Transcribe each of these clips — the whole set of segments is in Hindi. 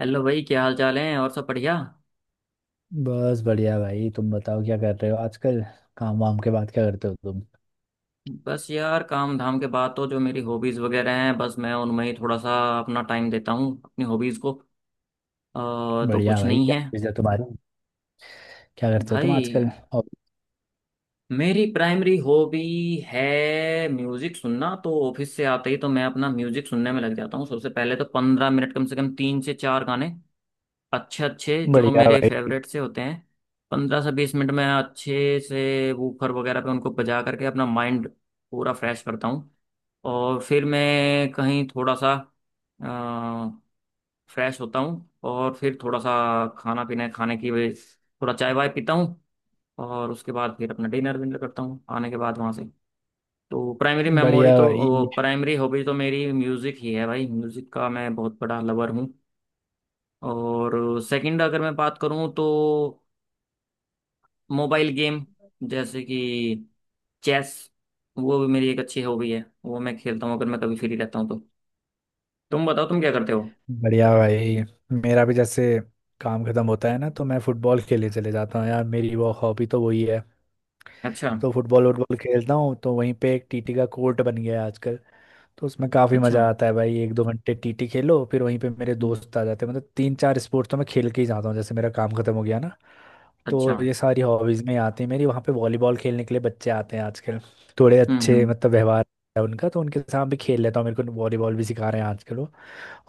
हेलो भाई, क्या हाल चाल है? और सब बढ़िया? बस बढ़िया भाई, तुम बताओ क्या कर रहे हो आजकल। काम वाम के बाद क्या करते हो तुम। बस यार, काम धाम के बाद तो जो मेरी हॉबीज़ वगैरह हैं, बस मैं उनमें ही थोड़ा सा अपना टाइम देता हूँ, अपनी हॉबीज़ को। तो बढ़िया कुछ भाई, नहीं क्या है चीज़ है तुम्हारी। क्या करते हो तुम भाई। आजकल। और। मेरी प्राइमरी हॉबी है म्यूज़िक सुनना। तो ऑफिस से आते ही तो मैं अपना म्यूज़िक सुनने में लग जाता हूँ सबसे पहले। तो 15 मिनट कम से कम, तीन से चार गाने अच्छे अच्छे, जो बढ़िया मेरे भाई। फेवरेट से होते हैं, 15 से 20 मिनट में अच्छे से वूफर वगैरह पे उनको बजा करके अपना माइंड पूरा फ्रेश करता हूँ। और फिर मैं कहीं थोड़ा सा फ्रेश होता हूँ, और फिर थोड़ा सा खाना पीना खाने की वजह थोड़ा चाय वाय पीता हूँ। और उसके बाद फिर अपना डिनर विनर करता हूँ आने के बाद वहाँ से। तो प्राइमरी मेमोरी बढ़िया तो, भाई। वो प्राइमरी हॉबी तो मेरी म्यूज़िक ही है भाई। म्यूज़िक का मैं बहुत बड़ा लवर हूँ। और सेकंड अगर मैं बात करूँ तो मोबाइल गेम, जैसे कि चेस, वो भी मेरी एक अच्छी हॉबी है। वो मैं खेलता हूँ अगर मैं कभी फ्री रहता हूँ तो। तुम बताओ, तुम क्या करते हो? बढ़िया भाई, मेरा भी जैसे काम खत्म होता है ना तो मैं फुटबॉल खेलने चले जाता हूँ यार, मेरी वो हॉबी तो वही है। अच्छा। तो फुटबॉल वुटबॉल खेलता हूँ, तो वहीं पे एक टीटी का कोर्ट बन गया है आजकल। तो उसमें काफ़ी अच्छा। मज़ा आता है भाई, 1-2 घंटे टीटी खेलो फिर वहीं पे मेरे हम्म। दोस्त आ जाते हैं, मतलब तीन चार स्पोर्ट्स तो मैं खेल के ही जाता हूँ जैसे मेरा काम खत्म हो गया ना। अच्छा। तो ये सारी हॉबीज में आती है मेरी, वहाँ पे वॉलीबॉल खेलने के लिए बच्चे आते हैं आजकल। थोड़े अच्छे हम्म। मतलब व्यवहार है उनका, तो उनके साथ भी खेल लेता हूँ, मेरे को वॉलीबॉल भी सिखा रहे हैं आजकल वो।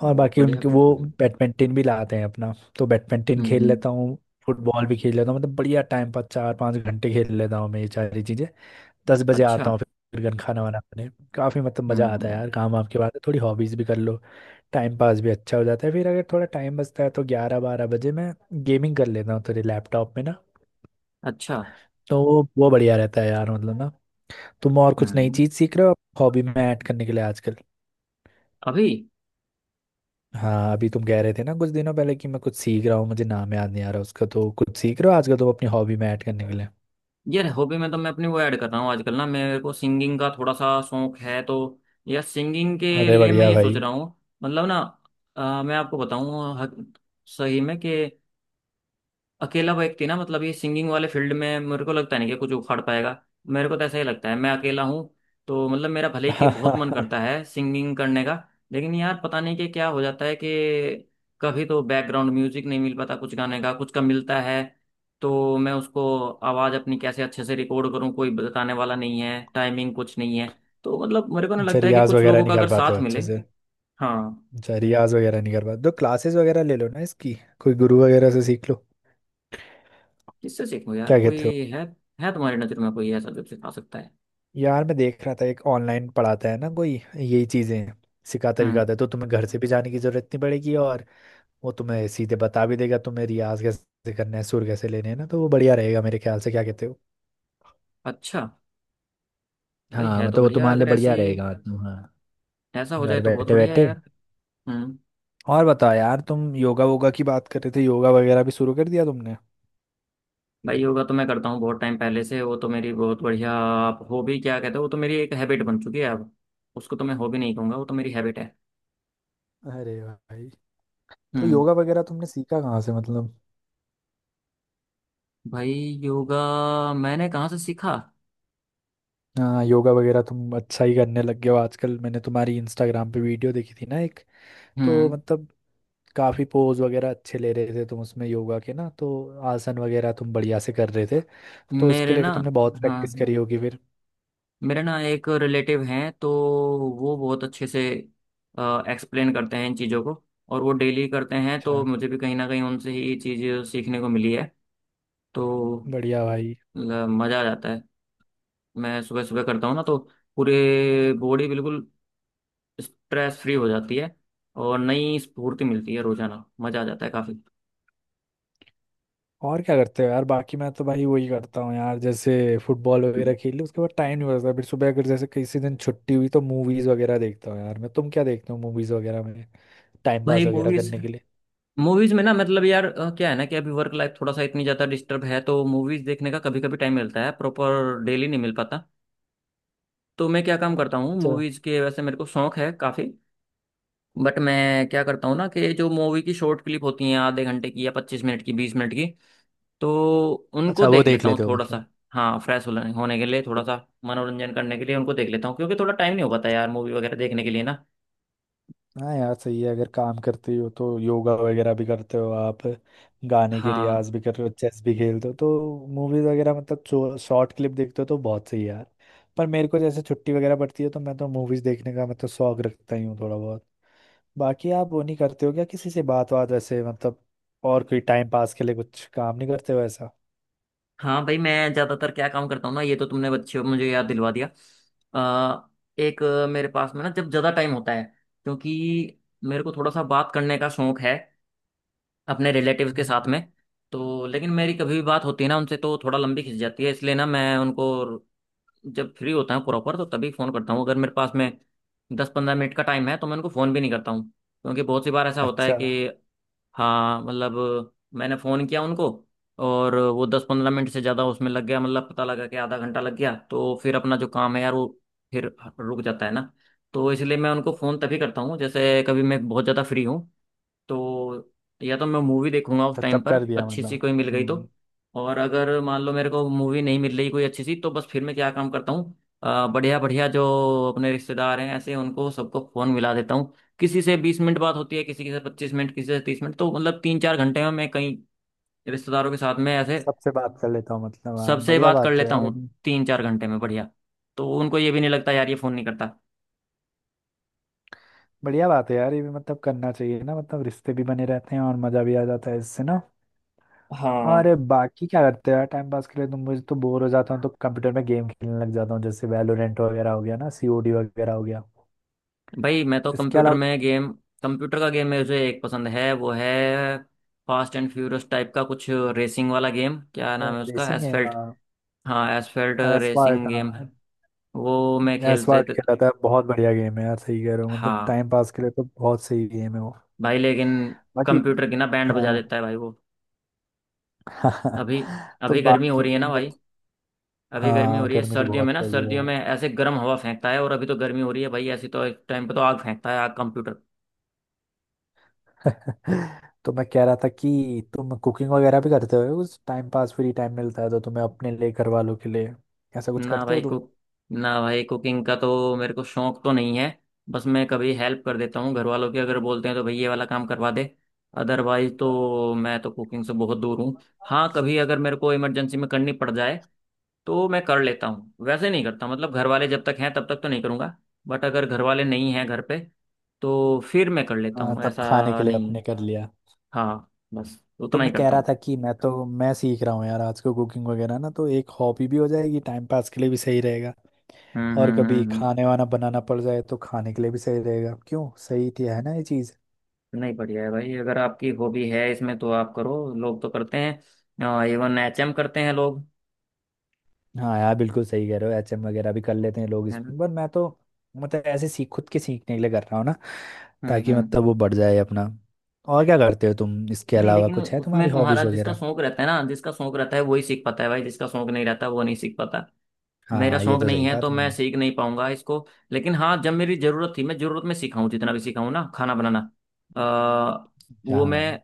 और बहुत बाकी बढ़िया, उनके वो बहुत बढ़िया। बैडमिंटन भी लाते हैं अपना, तो बैडमिंटन खेल हम्म। लेता हूँ। फुटबॉल भी खेल लेता हूँ, मतलब बढ़िया टाइम पास, 4-5 घंटे खेल लेता हूँ मैं ये सारी चीज़ें। 10 बजे आता अच्छा। हूँ फिर घर खाना वाना खाने। काफ़ी मतलब मज़ा आता है हम्म। यार, काम वाम के बाद थोड़ी हॉबीज़ भी कर लो, टाइम पास भी अच्छा हो जाता है। फिर अगर थोड़ा टाइम बचता है तो 11-12 बजे मैं गेमिंग कर लेता हूँ थोड़ी लैपटॉप में ना। अच्छा। तो वो बढ़िया रहता है यार, मतलब ना। तुम और कुछ नई हम्म। चीज सीख रहे हो, हॉबी में ऐड करने के लिए आजकल। अभी। हाँ, अभी तुम कह रहे थे ना कुछ दिनों पहले कि मैं कुछ सीख रहा हूँ, मुझे नाम याद नहीं आ रहा उसका, तो कुछ सीख रहे हो आजकल तुम अपनी हॉबी में ऐड करने के लिए। यार हॉबी में तो मैं अपनी वो ऐड कर रहा हूँ आजकल ना, मेरे को सिंगिंग का थोड़ा सा शौक है। तो यार, सिंगिंग के अरे लिए मैं बढ़िया ये सोच भाई। रहा हूँ। मतलब ना, मैं आपको बताऊँ सही में कि अकेला व्यक्ति ना, मतलब ये सिंगिंग वाले फील्ड में मेरे को लगता नहीं कि कुछ उखाड़ पाएगा। मेरे को तो ऐसा ही लगता है, मैं अकेला हूँ। तो मतलब मेरा भले ही कि बहुत मन अच्छा, करता है सिंगिंग करने का, लेकिन यार पता नहीं कि क्या हो जाता है कि कभी तो बैकग्राउंड म्यूजिक नहीं मिल पाता कुछ गाने का, कुछ का मिलता है, तो मैं उसको आवाज़ अपनी कैसे अच्छे से रिकॉर्ड करूँ, कोई बताने वाला नहीं है, टाइमिंग कुछ नहीं है। तो मतलब मेरे को ना लगता है कि रियाज कुछ वगैरह लोगों का नहीं कर अगर पाते साथ हो मिले। अच्छे से। हाँ। अच्छा, रियाज वगैरह नहीं कर पाते तो क्लासेस वगैरह ले लो ना इसकी, कोई गुरु वगैरह से सीख लो। किससे सीखूँ यार, क्या कोई कहते हो। है? है तुम्हारी नज़र में कोई ऐसा जो सिखा सकता है? यार, मैं देख रहा था एक ऑनलाइन पढ़ाता है ना कोई, यही चीजें सिखाता हम्म। विखाता है, तो तुम्हें घर से भी जाने की जरूरत नहीं पड़ेगी, और वो तुम्हें सीधे बता भी देगा तुम्हें रियाज कैसे करना है सुर कैसे लेने हैं ना, तो वो बढ़िया रहेगा मेरे ख्याल से, क्या कहते हो। अच्छा। भाई, हाँ, है तो मतलब वो बढ़िया। तुम्हारे लिए अगर ऐसी, बढ़िया रहेगा तुम, हाँ, ऐसा हो जाए घर तो बहुत बैठे बढ़िया है बैठे। यार। हम्म। और बताओ यार, तुम योगा वोगा की बात कर रहे थे, योगा वगैरह भी शुरू कर दिया तुमने। भाई योगा तो मैं करता हूँ बहुत टाइम पहले से। वो तो मेरी बहुत बढ़िया आप हॉबी क्या कहते हो, वो तो मेरी एक हैबिट बन चुकी है अब। उसको तो मैं हॉबी नहीं कहूँगा, वो तो मेरी हैबिट है। अरे भाई, तो हम्म। योगा वगैरह तुमने सीखा कहाँ से मतलब। भाई, योगा मैंने कहाँ से सीखा? हाँ, योगा वगैरह तुम अच्छा ही करने लग गए हो आजकल, मैंने तुम्हारी इंस्टाग्राम पे वीडियो देखी थी ना एक, तो हम्म। मतलब काफी पोज वगैरह अच्छे ले रहे थे तुम उसमें योगा के ना, तो आसन वगैरह तुम बढ़िया से कर रहे थे, तो उसके मेरे ना, लिए तुमने बहुत हाँ प्रैक्टिस हाँ, करी होगी फिर। मेरे ना एक रिलेटिव हैं, तो वो बहुत अच्छे से एक्सप्लेन करते हैं इन चीज़ों को, और वो डेली करते हैं। तो अच्छा। मुझे भी कहीं ना कहीं उनसे ही ये चीज़ सीखने को मिली है। तो बढ़िया भाई। मतलब मजा आ जाता है। मैं सुबह सुबह करता हूँ ना, तो पूरे बॉडी बिल्कुल स्ट्रेस फ्री हो जाती है, और नई स्फूर्ति मिलती है रोजाना। मजा आ जाता है काफी। और क्या करते हो यार बाकी, मैं तो भाई वही करता हूँ यार, जैसे फुटबॉल वगैरह खेल ली उसके बाद टाइम नहीं बचता, फिर सुबह अगर जैसे किसी दिन छुट्टी हुई तो मूवीज वगैरह देखता हूँ यार मैं, तुम क्या देखते हो मूवीज वगैरह में, टाइम भाई पास वगैरह मूवीज, करने के लिए। मूवीज में ना, मतलब यार, क्या है ना कि अभी वर्क लाइफ थोड़ा सा इतनी ज्यादा डिस्टर्ब है, तो मूवीज देखने का कभी कभी टाइम मिलता है, प्रॉपर डेली नहीं मिल पाता। तो मैं क्या काम करता हूँ अच्छा। मूवीज के, वैसे मेरे को शौक है काफी, बट मैं क्या करता हूँ ना, कि जो मूवी की शॉर्ट क्लिप होती हैं आधे घंटे की या 25 मिनट की, 20 मिनट की, तो उनको अच्छा, वो देख देख लेता हूँ लेते हो थोड़ा सा। मतलब। हाँ, फ्रेश होने होने के लिए थोड़ा सा मनोरंजन करने के लिए उनको देख लेता हूँ, क्योंकि थोड़ा टाइम नहीं हो पाता यार मूवी वगैरह देखने के लिए ना। हाँ यार सही है, अगर काम करते हो तो योगा वगैरह भी करते हो आप, गाने के हाँ। रियाज भी कर रहे हो, चेस भी खेलते हो, तो मूवीज वगैरह मतलब शॉर्ट क्लिप देखते हो, तो बहुत सही है यार। पर मेरे को जैसे छुट्टी वगैरह पड़ती है तो मैं तो मूवीज देखने का मतलब शौक रखता ही हूँ थोड़ा बहुत। बाकी आप वो नहीं करते हो क्या, किसी से बात बात वैसे मतलब, और कोई टाइम पास के लिए कुछ काम नहीं करते हो ऐसा। हाँ भाई, मैं ज़्यादातर क्या काम करता हूँ ना, ये तो तुमने बच्चे मुझे याद दिलवा दिया। अ, एक, मेरे पास में ना जब ज़्यादा टाइम होता है, क्योंकि मेरे को थोड़ा सा बात करने का शौक है अपने रिलेटिव्स के साथ हम्म, में। तो लेकिन मेरी कभी भी बात होती है ना उनसे, तो थोड़ा लंबी खिंच जाती है। इसलिए ना मैं उनको जब फ्री होता हूँ प्रॉपर, तो तभी फ़ोन करता हूँ। अगर मेरे पास में 10 15 मिनट का टाइम है, तो मैं उनको फ़ोन भी नहीं करता हूँ, क्योंकि बहुत सी बार ऐसा होता है अच्छा। कि हाँ, मतलब मैंने फ़ोन किया उनको, और वो 10 15 मिनट से ज़्यादा उसमें लग गया, मतलब पता लगा कि आधा घंटा लग गया, तो फिर अपना जो काम है यार, वो फिर रुक जाता है ना। तो इसलिए मैं उनको फ़ोन तभी करता हूँ जैसे कभी मैं बहुत ज़्यादा फ्री हूँ। तो या तो मैं मूवी देखूंगा उस टाइम तब पर कर दिया अच्छी सी मतलब। कोई मिल गई हम्म। तो, और अगर मान लो मेरे को मूवी नहीं मिल रही कोई अच्छी सी, तो बस फिर मैं क्या काम करता हूँ, बढ़िया बढ़िया जो अपने रिश्तेदार हैं ऐसे, उनको सबको फोन मिला देता हूँ। किसी से 20 मिनट बात होती है, किसी से 25 मिनट, किसी से 30 मिनट, तो मतलब तीन चार घंटे में मैं कई रिश्तेदारों के साथ में ऐसे सबसे बात कर लेता हूँ मतलब, हाँ, सबसे बढ़िया बात कर बात है लेता यार। हूँ, तीन चार घंटे में। बढ़िया। तो उनको ये भी नहीं लगता यार ये फोन नहीं करता। बढ़िया बात है यार, ये भी मतलब करना चाहिए ना, मतलब रिश्ते भी बने रहते हैं और मजा भी आ जाता है इससे ना। और हाँ बाकी क्या करते हो यार टाइम पास के लिए तुम, मुझे तो बोर हो जाता हूँ तो कंप्यूटर में गेम खेलने लग जाता हूँ, जैसे वैलोरेंट वगैरह हो गया ना, सीओडी वगैरह हो गया, भाई, मैं तो तो इसके कंप्यूटर अलावा। में गेम, कंप्यूटर का गेम मुझे एक पसंद है। वो है फास्ट एंड फ्यूरियस टाइप का कुछ रेसिंग वाला गेम। क्या नाम है उसका, रेसिंग गेम, एसफेल्ट। हाँ, एसफेल्ट रेसिंग एसवाल्ट, गेम है, हाँ। वो मैं खेलते एसवाल्ट थे। खेला था, बहुत बढ़िया गेम है यार, सही कह रहे हो, मतलब हाँ टाइम पास के लिए तो बहुत सही गेम है वो। भाई, लेकिन बाकी, कंप्यूटर की ना बैंड हाँ। बजा देता है भाई वो। अभी, तो अभी गर्मी हो बाकी रही है ना भाई। बाकी- अभी गर्मी हो हाँ, रही है। गर्मी तो सर्दियों बहुत में ना, पड़ी सर्दियों है। में ऐसे गर्म हवा फेंकता है, और अभी तो गर्मी हो रही है भाई ऐसी, तो इस टाइम पे तो आग फेंकता है, आग, कंप्यूटर। तो मैं कह रहा था कि तुम कुकिंग वगैरह भी करते हो उस टाइम पास, फ्री टाइम मिलता है तो तुम्हें अपने लिए घर वालों के लिए ऐसा कुछ ना करते भाई हो तुम। कुक ना भाई, कुकिंग का तो मेरे को शौक तो नहीं है। बस मैं कभी हेल्प कर देता हूँ घर वालों की, अगर बोलते हैं तो, भाई ये वाला काम करवा दे। अदरवाइज तो मैं तो कुकिंग से बहुत दूर हूँ। हाँ, कभी अगर मेरे को इमरजेंसी में करनी पड़ जाए, तो मैं कर लेता हूँ। वैसे नहीं करता, मतलब घर वाले जब तक हैं, तब तक तो नहीं करूँगा। बट अगर घर वाले नहीं हैं घर पे, तो फिर मैं कर लेता हाँ, हूँ, तब खाने ऐसा के लिए नहीं है। अपने कर लिया। हाँ, बस तो उतना ही मैं कह करता रहा हूँ। था कि मैं सीख रहा हूँ यार आज को कुकिंग वगैरह ना, तो एक हॉबी भी हो जाएगी, टाइम पास के लिए भी सही रहेगा, हम्म और हम्म कभी हम्म हम्म। खाने वाना बनाना पड़ जाए तो खाने के लिए भी सही रहेगा, क्यों सही थी है ना ये चीज़। नहीं, बढ़िया है भाई। अगर आपकी हॉबी है इसमें, तो आप करो। लोग तो करते हैं, इवन एचएम करते हैं लोग, हाँ यार, बिल्कुल सही कह रहे हो, एचएम वगैरह भी कर लेते हैं लोग है ना। इसमें, पर मैं तो मतलब ऐसे सीख खुद के सीखने के लिए कर रहा हूँ ना, ताकि हम्म। मतलब वो बढ़ जाए अपना। और क्या करते हो तुम, इसके नहीं, अलावा लेकिन कुछ है उसमें तुम्हारी तुम्हारा हॉबीज जिसका वगैरह। शौक रहता है ना, जिसका शौक रहता है, वही सीख पाता है भाई। जिसका शौक नहीं रहता, वो नहीं सीख पाता। मेरा हाँ ये शौक तो नहीं सही है, कहा तो मैं तुमने। सीख नहीं पाऊंगा इसको। लेकिन हाँ, जब मेरी जरूरत थी, मैं जरूरत में सीखा हूँ जितना भी सीखा हूँ ना खाना बनाना। आ, वो हाँ। मैं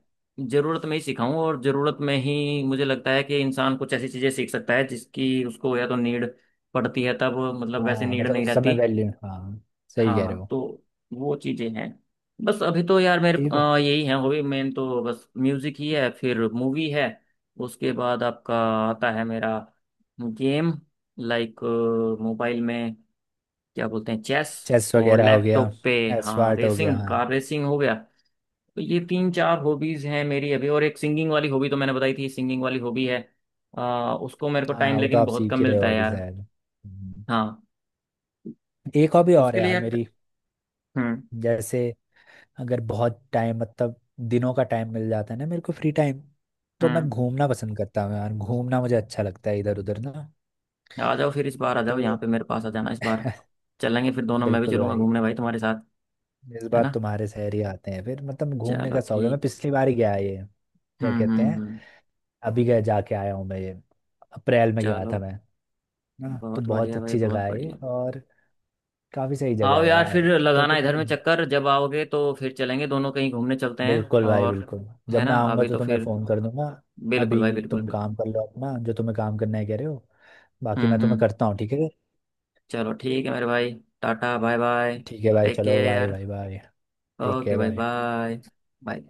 जरूरत में ही सीखा हूँ। और जरूरत में ही मुझे लगता है कि इंसान कुछ ऐसी चीजें सीख सकता है जिसकी उसको या तो नीड पड़ती है तब, मतलब वैसे हाँ नीड मतलब नहीं उस रहती। समय वैल्यू, हाँ सही कह रहे हाँ। हो। तो वो चीजें हैं। बस अभी तो यार मेरे ठीक हो। यही है हॉबी। मेन तो बस म्यूजिक ही है, फिर मूवी है। उसके बाद आपका, आता है मेरा गेम, लाइक मोबाइल में क्या बोलते हैं, चेस, चेस और वगैरह हो गया, लैपटॉप पे हाँ एस्वार्ट हो गया, रेसिंग, हाँ। कार रेसिंग हो गया। तो ये तीन चार हॉबीज हैं मेरी अभी। और एक सिंगिंग वाली हॉबी तो मैंने बताई थी, सिंगिंग वाली हॉबी है। अ, उसको मेरे को हाँ, टाइम वो तो लेकिन आप बहुत सीख कम ही रहे मिलता हो है अभी यार। शायद। हम्म। हाँ। एक हॉबी और उसके है लिए यार यार। मेरी, हम्म जैसे अगर बहुत टाइम मतलब दिनों का टाइम मिल जाता है ना मेरे को फ्री टाइम, तो मैं हम्म। घूमना पसंद करता हूँ यार, घूमना मुझे अच्छा लगता है इधर उधर ना। आ जाओ फिर, इस बार आ जाओ यहाँ तो पे, मेरे पास आ जाना इस बार। चलेंगे फिर दोनों, मैं भी बिल्कुल चलूंगा भाई, घूमने भाई तुम्हारे साथ। इस है बार ना। तुम्हारे शहर ही आते हैं फिर, मतलब घूमने चलो का शौक है, मैं ठीक। पिछली बार ही गया ये, क्या कहते हैं, हम्म। अभी गया जाके आया हूँ मैं ये, अप्रैल में गया था चलो, मैं। हाँ तो बहुत बहुत बढ़िया भाई, अच्छी बहुत जगह है ये, बढ़िया। और काफी सही जगह आओ है यार, फिर यार। तो लगाना तुम, इधर में चक्कर। जब आओगे तो फिर चलेंगे दोनों, कहीं घूमने चलते हैं, बिल्कुल भाई और बिल्कुल, जब है ना। मैं आऊंगा अभी तो तो तुम्हें फिर फोन कर दूंगा। बिल्कुल अभी भाई, बिल्कुल, तुम बिल्कुल। काम कर लो अपना जो तुम्हें काम करना है कह रहे हो, बाकी मैं तुम्हें हम्म। करता हूँ ठीक है। चलो ठीक है मेरे भाई, टाटा, बाय बाय। ठीक है भाई, टेक चलो बाय केयर। Bye bye. ठीक ओके है भाई, भाई। Bye, bye.